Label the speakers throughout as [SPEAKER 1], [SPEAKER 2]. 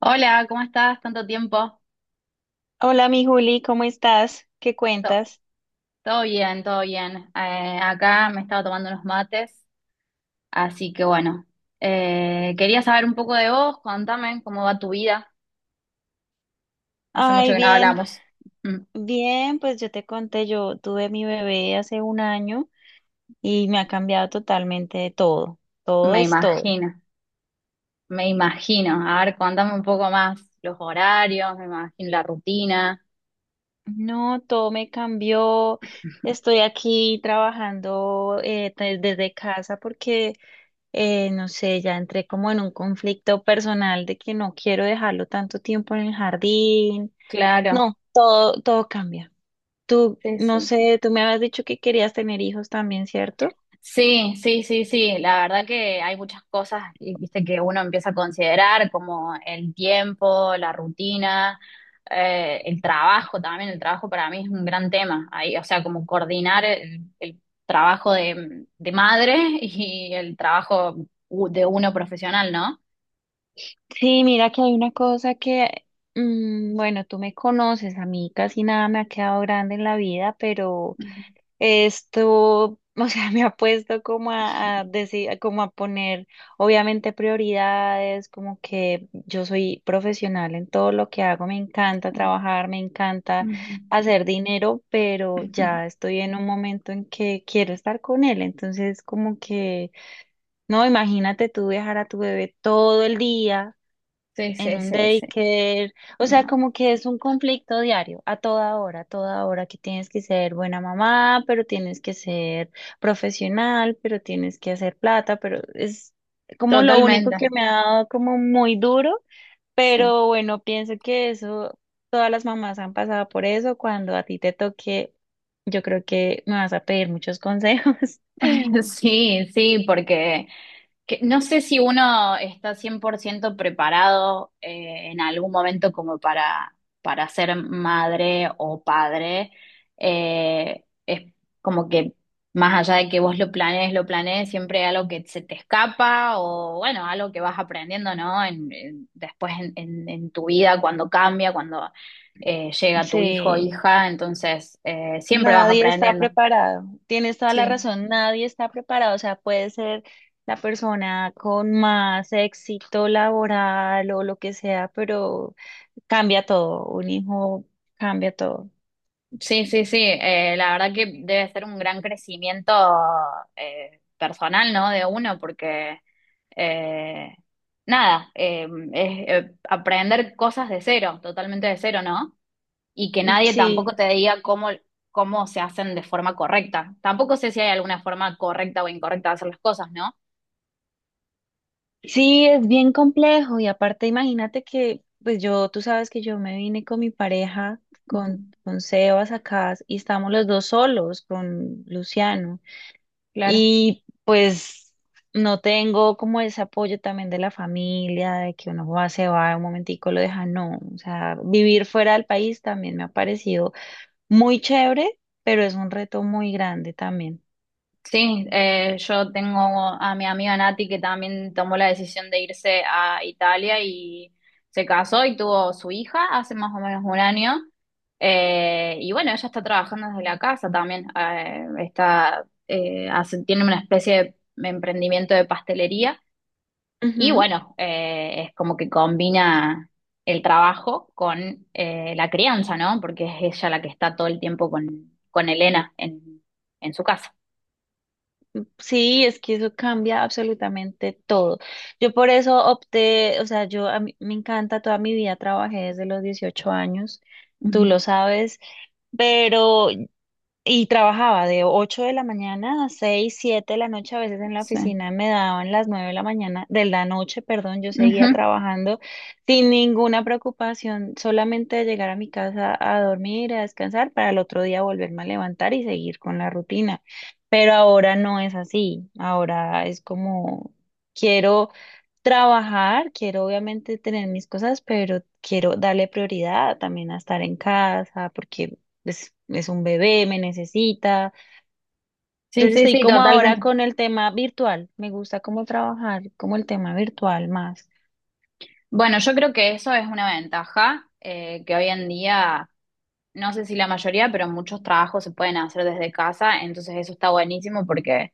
[SPEAKER 1] Hola, ¿cómo estás? ¿Tanto tiempo?
[SPEAKER 2] Hola, mi Juli, ¿cómo estás? ¿Qué
[SPEAKER 1] To-
[SPEAKER 2] cuentas?
[SPEAKER 1] Todo bien, todo bien. Acá me estaba tomando unos mates, así que bueno. Quería saber un poco de vos, contame cómo va tu vida. Hace mucho
[SPEAKER 2] Ay,
[SPEAKER 1] que no
[SPEAKER 2] bien,
[SPEAKER 1] hablamos. Mm.
[SPEAKER 2] bien, pues yo te conté, yo tuve mi bebé hace un año y me ha cambiado totalmente de todo, todo
[SPEAKER 1] Me
[SPEAKER 2] es todo.
[SPEAKER 1] imagino, me imagino. A ver, contame un poco más los horarios, me imagino la rutina.
[SPEAKER 2] No, todo me cambió, estoy aquí trabajando desde casa porque, no sé, ya entré como en un conflicto personal de que no quiero dejarlo tanto tiempo en el jardín.
[SPEAKER 1] Claro,
[SPEAKER 2] No, todo, todo cambia. Tú,
[SPEAKER 1] sí,
[SPEAKER 2] no
[SPEAKER 1] sí, sí.
[SPEAKER 2] sé, tú me habías dicho que querías tener hijos también, ¿cierto?
[SPEAKER 1] Sí, sí, sí, sí. La verdad que hay muchas cosas, viste, que uno empieza a considerar como el tiempo, la rutina, el trabajo también. El trabajo para mí es un gran tema. Ahí, o sea, como coordinar el trabajo de madre y el trabajo de uno profesional, ¿no?
[SPEAKER 2] Sí, mira que hay una cosa que... Mm, bueno, tú me conoces, a mí casi nada me ha quedado grande en la vida, pero
[SPEAKER 1] Ujú.
[SPEAKER 2] esto, o sea, me ha puesto como a decir, como a poner, obviamente, prioridades, como que yo soy profesional en todo lo que hago, me encanta trabajar, me encanta
[SPEAKER 1] Ujú.
[SPEAKER 2] hacer dinero, pero ya estoy en un momento en que quiero estar con él, entonces como que... No, imagínate tú viajar a tu bebé todo el día
[SPEAKER 1] Sí,
[SPEAKER 2] en
[SPEAKER 1] sí,
[SPEAKER 2] un
[SPEAKER 1] sí, sí.
[SPEAKER 2] daycare, o sea,
[SPEAKER 1] No,
[SPEAKER 2] como que es un conflicto diario, a toda hora que tienes que ser buena mamá, pero tienes que ser profesional, pero tienes que hacer plata, pero es como lo único
[SPEAKER 1] totalmente.
[SPEAKER 2] que me ha dado como muy duro,
[SPEAKER 1] Sí.
[SPEAKER 2] pero bueno, pienso que eso, todas las mamás han pasado por eso, cuando a ti te toque, yo creo que me vas a pedir muchos consejos.
[SPEAKER 1] Sí, sí, porque que no sé si uno está 100% preparado, en algún momento como para ser madre o padre. Es como que más allá de que vos lo planees, siempre hay algo que se te escapa o bueno, algo que vas aprendiendo, ¿no? Después en tu vida, cuando cambia, cuando llega tu hijo o
[SPEAKER 2] Sí.
[SPEAKER 1] hija, entonces, siempre vas
[SPEAKER 2] Nadie está
[SPEAKER 1] aprendiendo.
[SPEAKER 2] preparado. Tienes toda la
[SPEAKER 1] Sí.
[SPEAKER 2] razón, nadie está preparado. O sea, puede ser la persona con más éxito laboral o lo que sea, pero cambia todo. Un hijo cambia todo.
[SPEAKER 1] Sí, sí, sí. La verdad que debe ser un gran crecimiento, personal, ¿no? De uno, porque eh, nada, es aprender cosas de cero, totalmente de cero, ¿no? Y que nadie
[SPEAKER 2] Sí,
[SPEAKER 1] tampoco te diga cómo, cómo se hacen de forma correcta. Tampoco sé si hay alguna forma correcta o incorrecta de hacer las cosas, ¿no?
[SPEAKER 2] sí, es bien complejo. Y aparte, imagínate que, pues yo, tú sabes que yo me vine con mi pareja,
[SPEAKER 1] Ujú.
[SPEAKER 2] con Sebas acá, y estamos los dos solos con Luciano.
[SPEAKER 1] Claro.
[SPEAKER 2] Y pues no tengo como ese apoyo también de la familia, de que uno va, se va un momentico, lo deja, no. O sea, vivir fuera del país también me ha parecido muy chévere, pero es un reto muy grande también.
[SPEAKER 1] Sí, yo tengo a mi amiga Nati que también tomó la decisión de irse a Italia y se casó y tuvo su hija hace más o menos un año. Y bueno, ella está trabajando desde la casa también. Está, tiene una especie de emprendimiento de pastelería y
[SPEAKER 2] Ujú.
[SPEAKER 1] bueno, es como que combina el trabajo con, la crianza, ¿no? Porque es ella la que está todo el tiempo con Elena en su casa.
[SPEAKER 2] Sí, es que eso cambia absolutamente todo. Yo por eso opté, o sea, yo a mí me encanta, toda mi vida trabajé desde los 18 años, tú
[SPEAKER 1] Ujú,
[SPEAKER 2] lo sabes, pero... Y trabajaba de 8 de la mañana a 6 7 de la noche, a veces en la
[SPEAKER 1] sí.
[SPEAKER 2] oficina me daban las 9 de la mañana, de la noche, perdón, yo
[SPEAKER 1] Ujú.
[SPEAKER 2] seguía trabajando sin ninguna preocupación, solamente de llegar a mi casa a dormir, a descansar, para el otro día volverme a levantar y seguir con la rutina. Pero ahora no es así, ahora es como quiero trabajar, quiero obviamente tener mis cosas, pero quiero darle prioridad también a estar en casa porque es un bebé, me necesita.
[SPEAKER 1] Sí,
[SPEAKER 2] Entonces
[SPEAKER 1] sí,
[SPEAKER 2] estoy
[SPEAKER 1] sí,
[SPEAKER 2] como ahora
[SPEAKER 1] totalmente.
[SPEAKER 2] con el tema virtual. Me gusta cómo trabajar, como el tema virtual más.
[SPEAKER 1] Bueno, yo creo que eso es una ventaja, que hoy en día, no sé si la mayoría, pero muchos trabajos se pueden hacer desde casa, entonces eso está buenísimo porque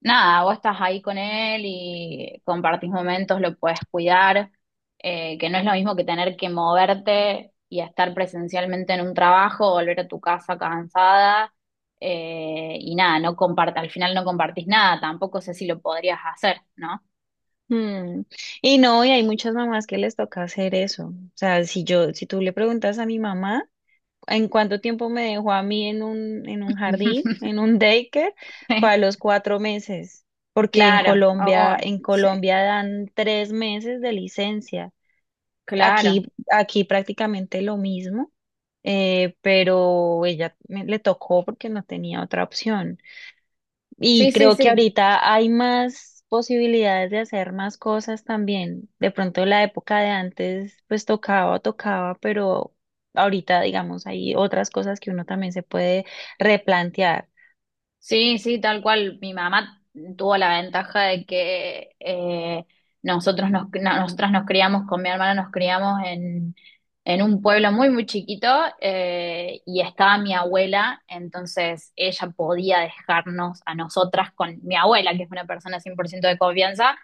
[SPEAKER 1] nada, vos estás ahí con él y compartís momentos, lo puedes cuidar, que no es lo mismo que tener que moverte y estar presencialmente en un trabajo, volver a tu casa cansada, y nada, no comparte, al final no compartís nada, tampoco sé si lo podrías hacer, ¿no?
[SPEAKER 2] Mm. Y no, y hay muchas mamás que les toca hacer eso. O sea, si yo, si tú le preguntas a mi mamá, en cuánto tiempo me dejó a mí en un jardín, en un daycare, fue a los 4 meses, porque
[SPEAKER 1] Claro, ay,
[SPEAKER 2] En
[SPEAKER 1] sí,
[SPEAKER 2] Colombia dan 3 meses de licencia.
[SPEAKER 1] claro.
[SPEAKER 2] Aquí, aquí prácticamente lo mismo, pero le tocó porque no tenía otra opción. Y
[SPEAKER 1] Sí, sí,
[SPEAKER 2] creo que
[SPEAKER 1] sí.
[SPEAKER 2] ahorita hay más posibilidades de hacer más cosas también. De pronto la época de antes, pues tocaba, tocaba, pero ahorita, digamos, hay otras cosas que uno también se puede replantear.
[SPEAKER 1] Sí, sí, tal cual. Mi mamá tuvo la ventaja de que, nosotros nos, nosotras nos criamos, con mi hermana nos criamos en un pueblo muy, muy chiquito, y estaba mi abuela, entonces ella podía dejarnos a nosotras con mi abuela, que es una persona 100% de confianza,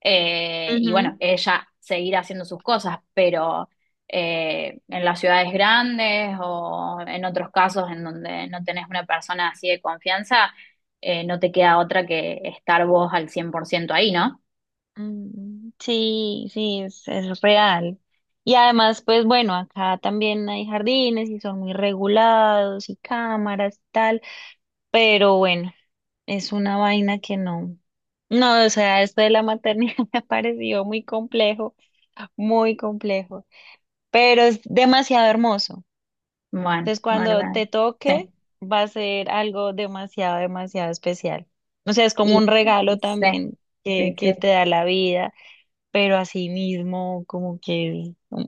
[SPEAKER 1] y
[SPEAKER 2] Ujú.
[SPEAKER 1] bueno, ella seguir haciendo sus cosas, pero... en las ciudades grandes o en otros casos en donde no tenés una persona así de confianza, no te queda otra que estar vos al 100% ahí, ¿no?
[SPEAKER 2] Mm, sí, sí, es real. Y además, pues bueno, acá también hay jardines y son muy regulados y cámaras y tal. Pero bueno, es una vaina que no. No, o sea, esto de la maternidad me ha parecido muy complejo, pero es demasiado hermoso.
[SPEAKER 1] Bueno,
[SPEAKER 2] Entonces,
[SPEAKER 1] bueno,
[SPEAKER 2] cuando
[SPEAKER 1] bueno.
[SPEAKER 2] te
[SPEAKER 1] Sí.
[SPEAKER 2] toque, va a ser algo demasiado, demasiado especial. O sea, es como un
[SPEAKER 1] Y,
[SPEAKER 2] regalo
[SPEAKER 1] sí,
[SPEAKER 2] también
[SPEAKER 1] sí,
[SPEAKER 2] que,
[SPEAKER 1] sí.
[SPEAKER 2] que te da la vida, pero así mismo como que es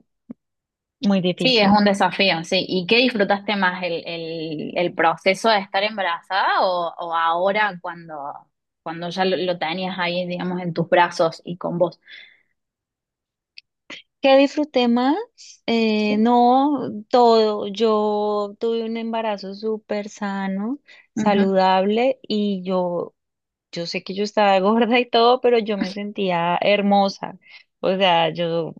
[SPEAKER 2] muy
[SPEAKER 1] Sí, es
[SPEAKER 2] difícil.
[SPEAKER 1] un desafío, sí. ¿Y qué disfrutaste más, el proceso de estar embarazada o ahora cuando, cuando ya lo tenías ahí, digamos, en tus brazos y con vos?
[SPEAKER 2] ¿Qué disfruté más?
[SPEAKER 1] Sí.
[SPEAKER 2] No, todo. Yo tuve un embarazo súper sano,
[SPEAKER 1] Ujú.
[SPEAKER 2] saludable y yo sé que yo estaba gorda y todo, pero yo me sentía hermosa. O sea, yo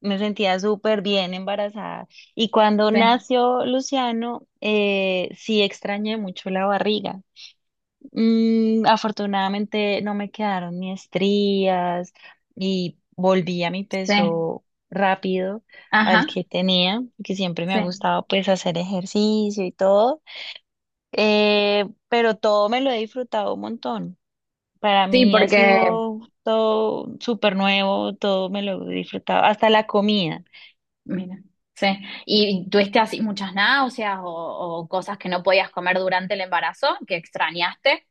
[SPEAKER 2] me sentía súper bien embarazada. Y cuando
[SPEAKER 1] Sí,
[SPEAKER 2] nació Luciano, sí extrañé mucho la barriga. Mm, afortunadamente no me quedaron ni estrías y volví a mi
[SPEAKER 1] sí.
[SPEAKER 2] peso rápido
[SPEAKER 1] Ajá,
[SPEAKER 2] al que tenía, que siempre me
[SPEAKER 1] sí.
[SPEAKER 2] ha gustado pues hacer ejercicio y todo. Pero todo me lo he disfrutado un montón. Para
[SPEAKER 1] Sí,
[SPEAKER 2] mí ha
[SPEAKER 1] porque,
[SPEAKER 2] sido todo súper nuevo, todo me lo he disfrutado, hasta la comida.
[SPEAKER 1] mira, sí. ¿Y tuviste así muchas náuseas o cosas que no podías comer durante el embarazo que extrañaste?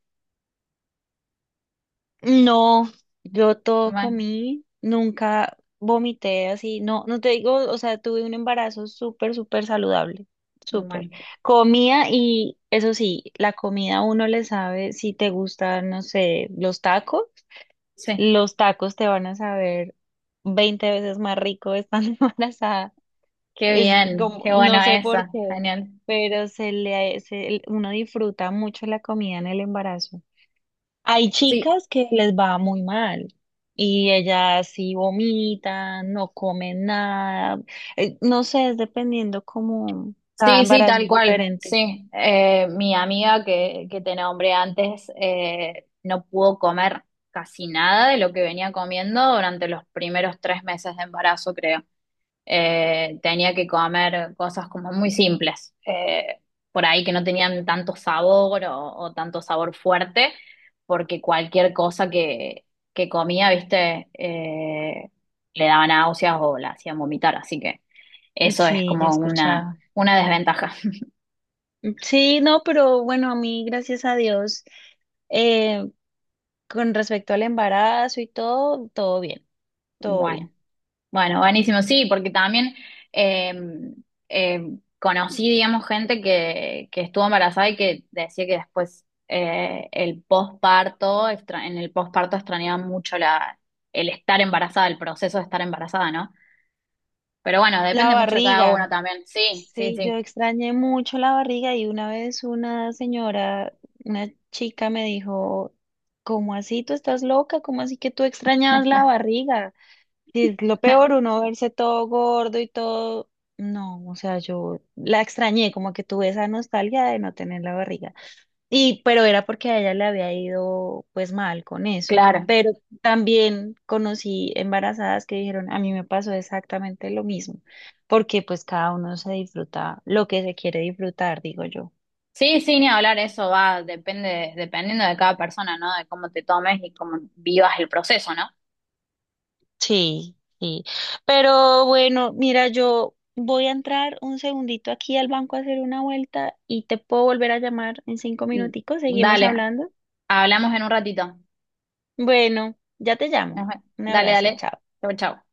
[SPEAKER 2] No, yo todo
[SPEAKER 1] Bueno,
[SPEAKER 2] comí, nunca vomité así, no, no te digo, o sea, tuve un embarazo súper, súper saludable,
[SPEAKER 1] bueno,
[SPEAKER 2] súper. Comía y eso sí, la comida a uno le sabe, si te gustan, no sé,
[SPEAKER 1] sí.
[SPEAKER 2] los tacos te van a saber 20 veces más rico estando embarazada.
[SPEAKER 1] Qué
[SPEAKER 2] Es
[SPEAKER 1] bien,
[SPEAKER 2] como,
[SPEAKER 1] qué
[SPEAKER 2] no
[SPEAKER 1] bueno
[SPEAKER 2] sé
[SPEAKER 1] eso,
[SPEAKER 2] por qué,
[SPEAKER 1] genial.
[SPEAKER 2] pero uno disfruta mucho la comida en el embarazo. Hay
[SPEAKER 1] Sí,
[SPEAKER 2] chicas que les va muy mal y ellas sí vomitan, no comen nada, no sé, es dependiendo cómo cada
[SPEAKER 1] sí, sí,
[SPEAKER 2] embarazo
[SPEAKER 1] tal
[SPEAKER 2] es
[SPEAKER 1] cual,
[SPEAKER 2] diferente.
[SPEAKER 1] sí. Mi amiga que te nombré antes, no pudo comer casi nada de lo que venía comiendo durante los primeros 3 meses de embarazo, creo. Tenía que comer cosas como muy simples, por ahí que no tenían tanto sabor o tanto sabor fuerte, porque cualquier cosa que comía, viste, le daba náuseas o la hacían vomitar, así que eso es
[SPEAKER 2] Sí, ya he
[SPEAKER 1] como
[SPEAKER 2] escuchado.
[SPEAKER 1] una desventaja.
[SPEAKER 2] Sí, no, pero bueno, a mí, gracias a Dios, eh, con respecto al embarazo y todo, todo bien, todo
[SPEAKER 1] Bueno.
[SPEAKER 2] bien.
[SPEAKER 1] Bueno, buenísimo, sí, porque también, eh, eh, conocí, digamos, gente que estuvo embarazada y que decía que después, el posparto, en el posparto extrañaba mucho la, el estar embarazada, el proceso de estar embarazada, ¿no? Pero bueno,
[SPEAKER 2] La
[SPEAKER 1] depende mucho de cada uno
[SPEAKER 2] barriga.
[SPEAKER 1] también. Sí, sí,
[SPEAKER 2] Sí, yo
[SPEAKER 1] sí,
[SPEAKER 2] extrañé mucho la barriga y una vez una señora, una chica me dijo, ¿cómo así tú estás loca? ¿Cómo así que tú extrañabas la barriga? Y es lo peor, uno verse todo gordo y todo. No, o sea, yo la extrañé, como que tuve esa nostalgia de no tener la barriga. Y, pero era porque a ella le había ido pues mal con eso.
[SPEAKER 1] claro.
[SPEAKER 2] Pero también conocí embarazadas que dijeron, a mí me pasó exactamente lo mismo, porque pues cada uno se disfruta lo que se quiere disfrutar, digo yo.
[SPEAKER 1] Sí, sí, ni hablar, eso va, depende, dependiendo de cada persona, ¿no? De cómo te tomes y cómo vivas el proceso, ¿no?
[SPEAKER 2] Sí, sí. Pero bueno, mira, yo voy a entrar un segundito aquí al banco a hacer una vuelta y te puedo volver a llamar en 5 minuticos. Seguimos
[SPEAKER 1] Dale,
[SPEAKER 2] hablando.
[SPEAKER 1] hablamos en un ratito.
[SPEAKER 2] Bueno, ya te llamo.
[SPEAKER 1] Ajá.
[SPEAKER 2] Un
[SPEAKER 1] Dale,
[SPEAKER 2] abrazo,
[SPEAKER 1] dale.
[SPEAKER 2] chao.
[SPEAKER 1] Chao, chao.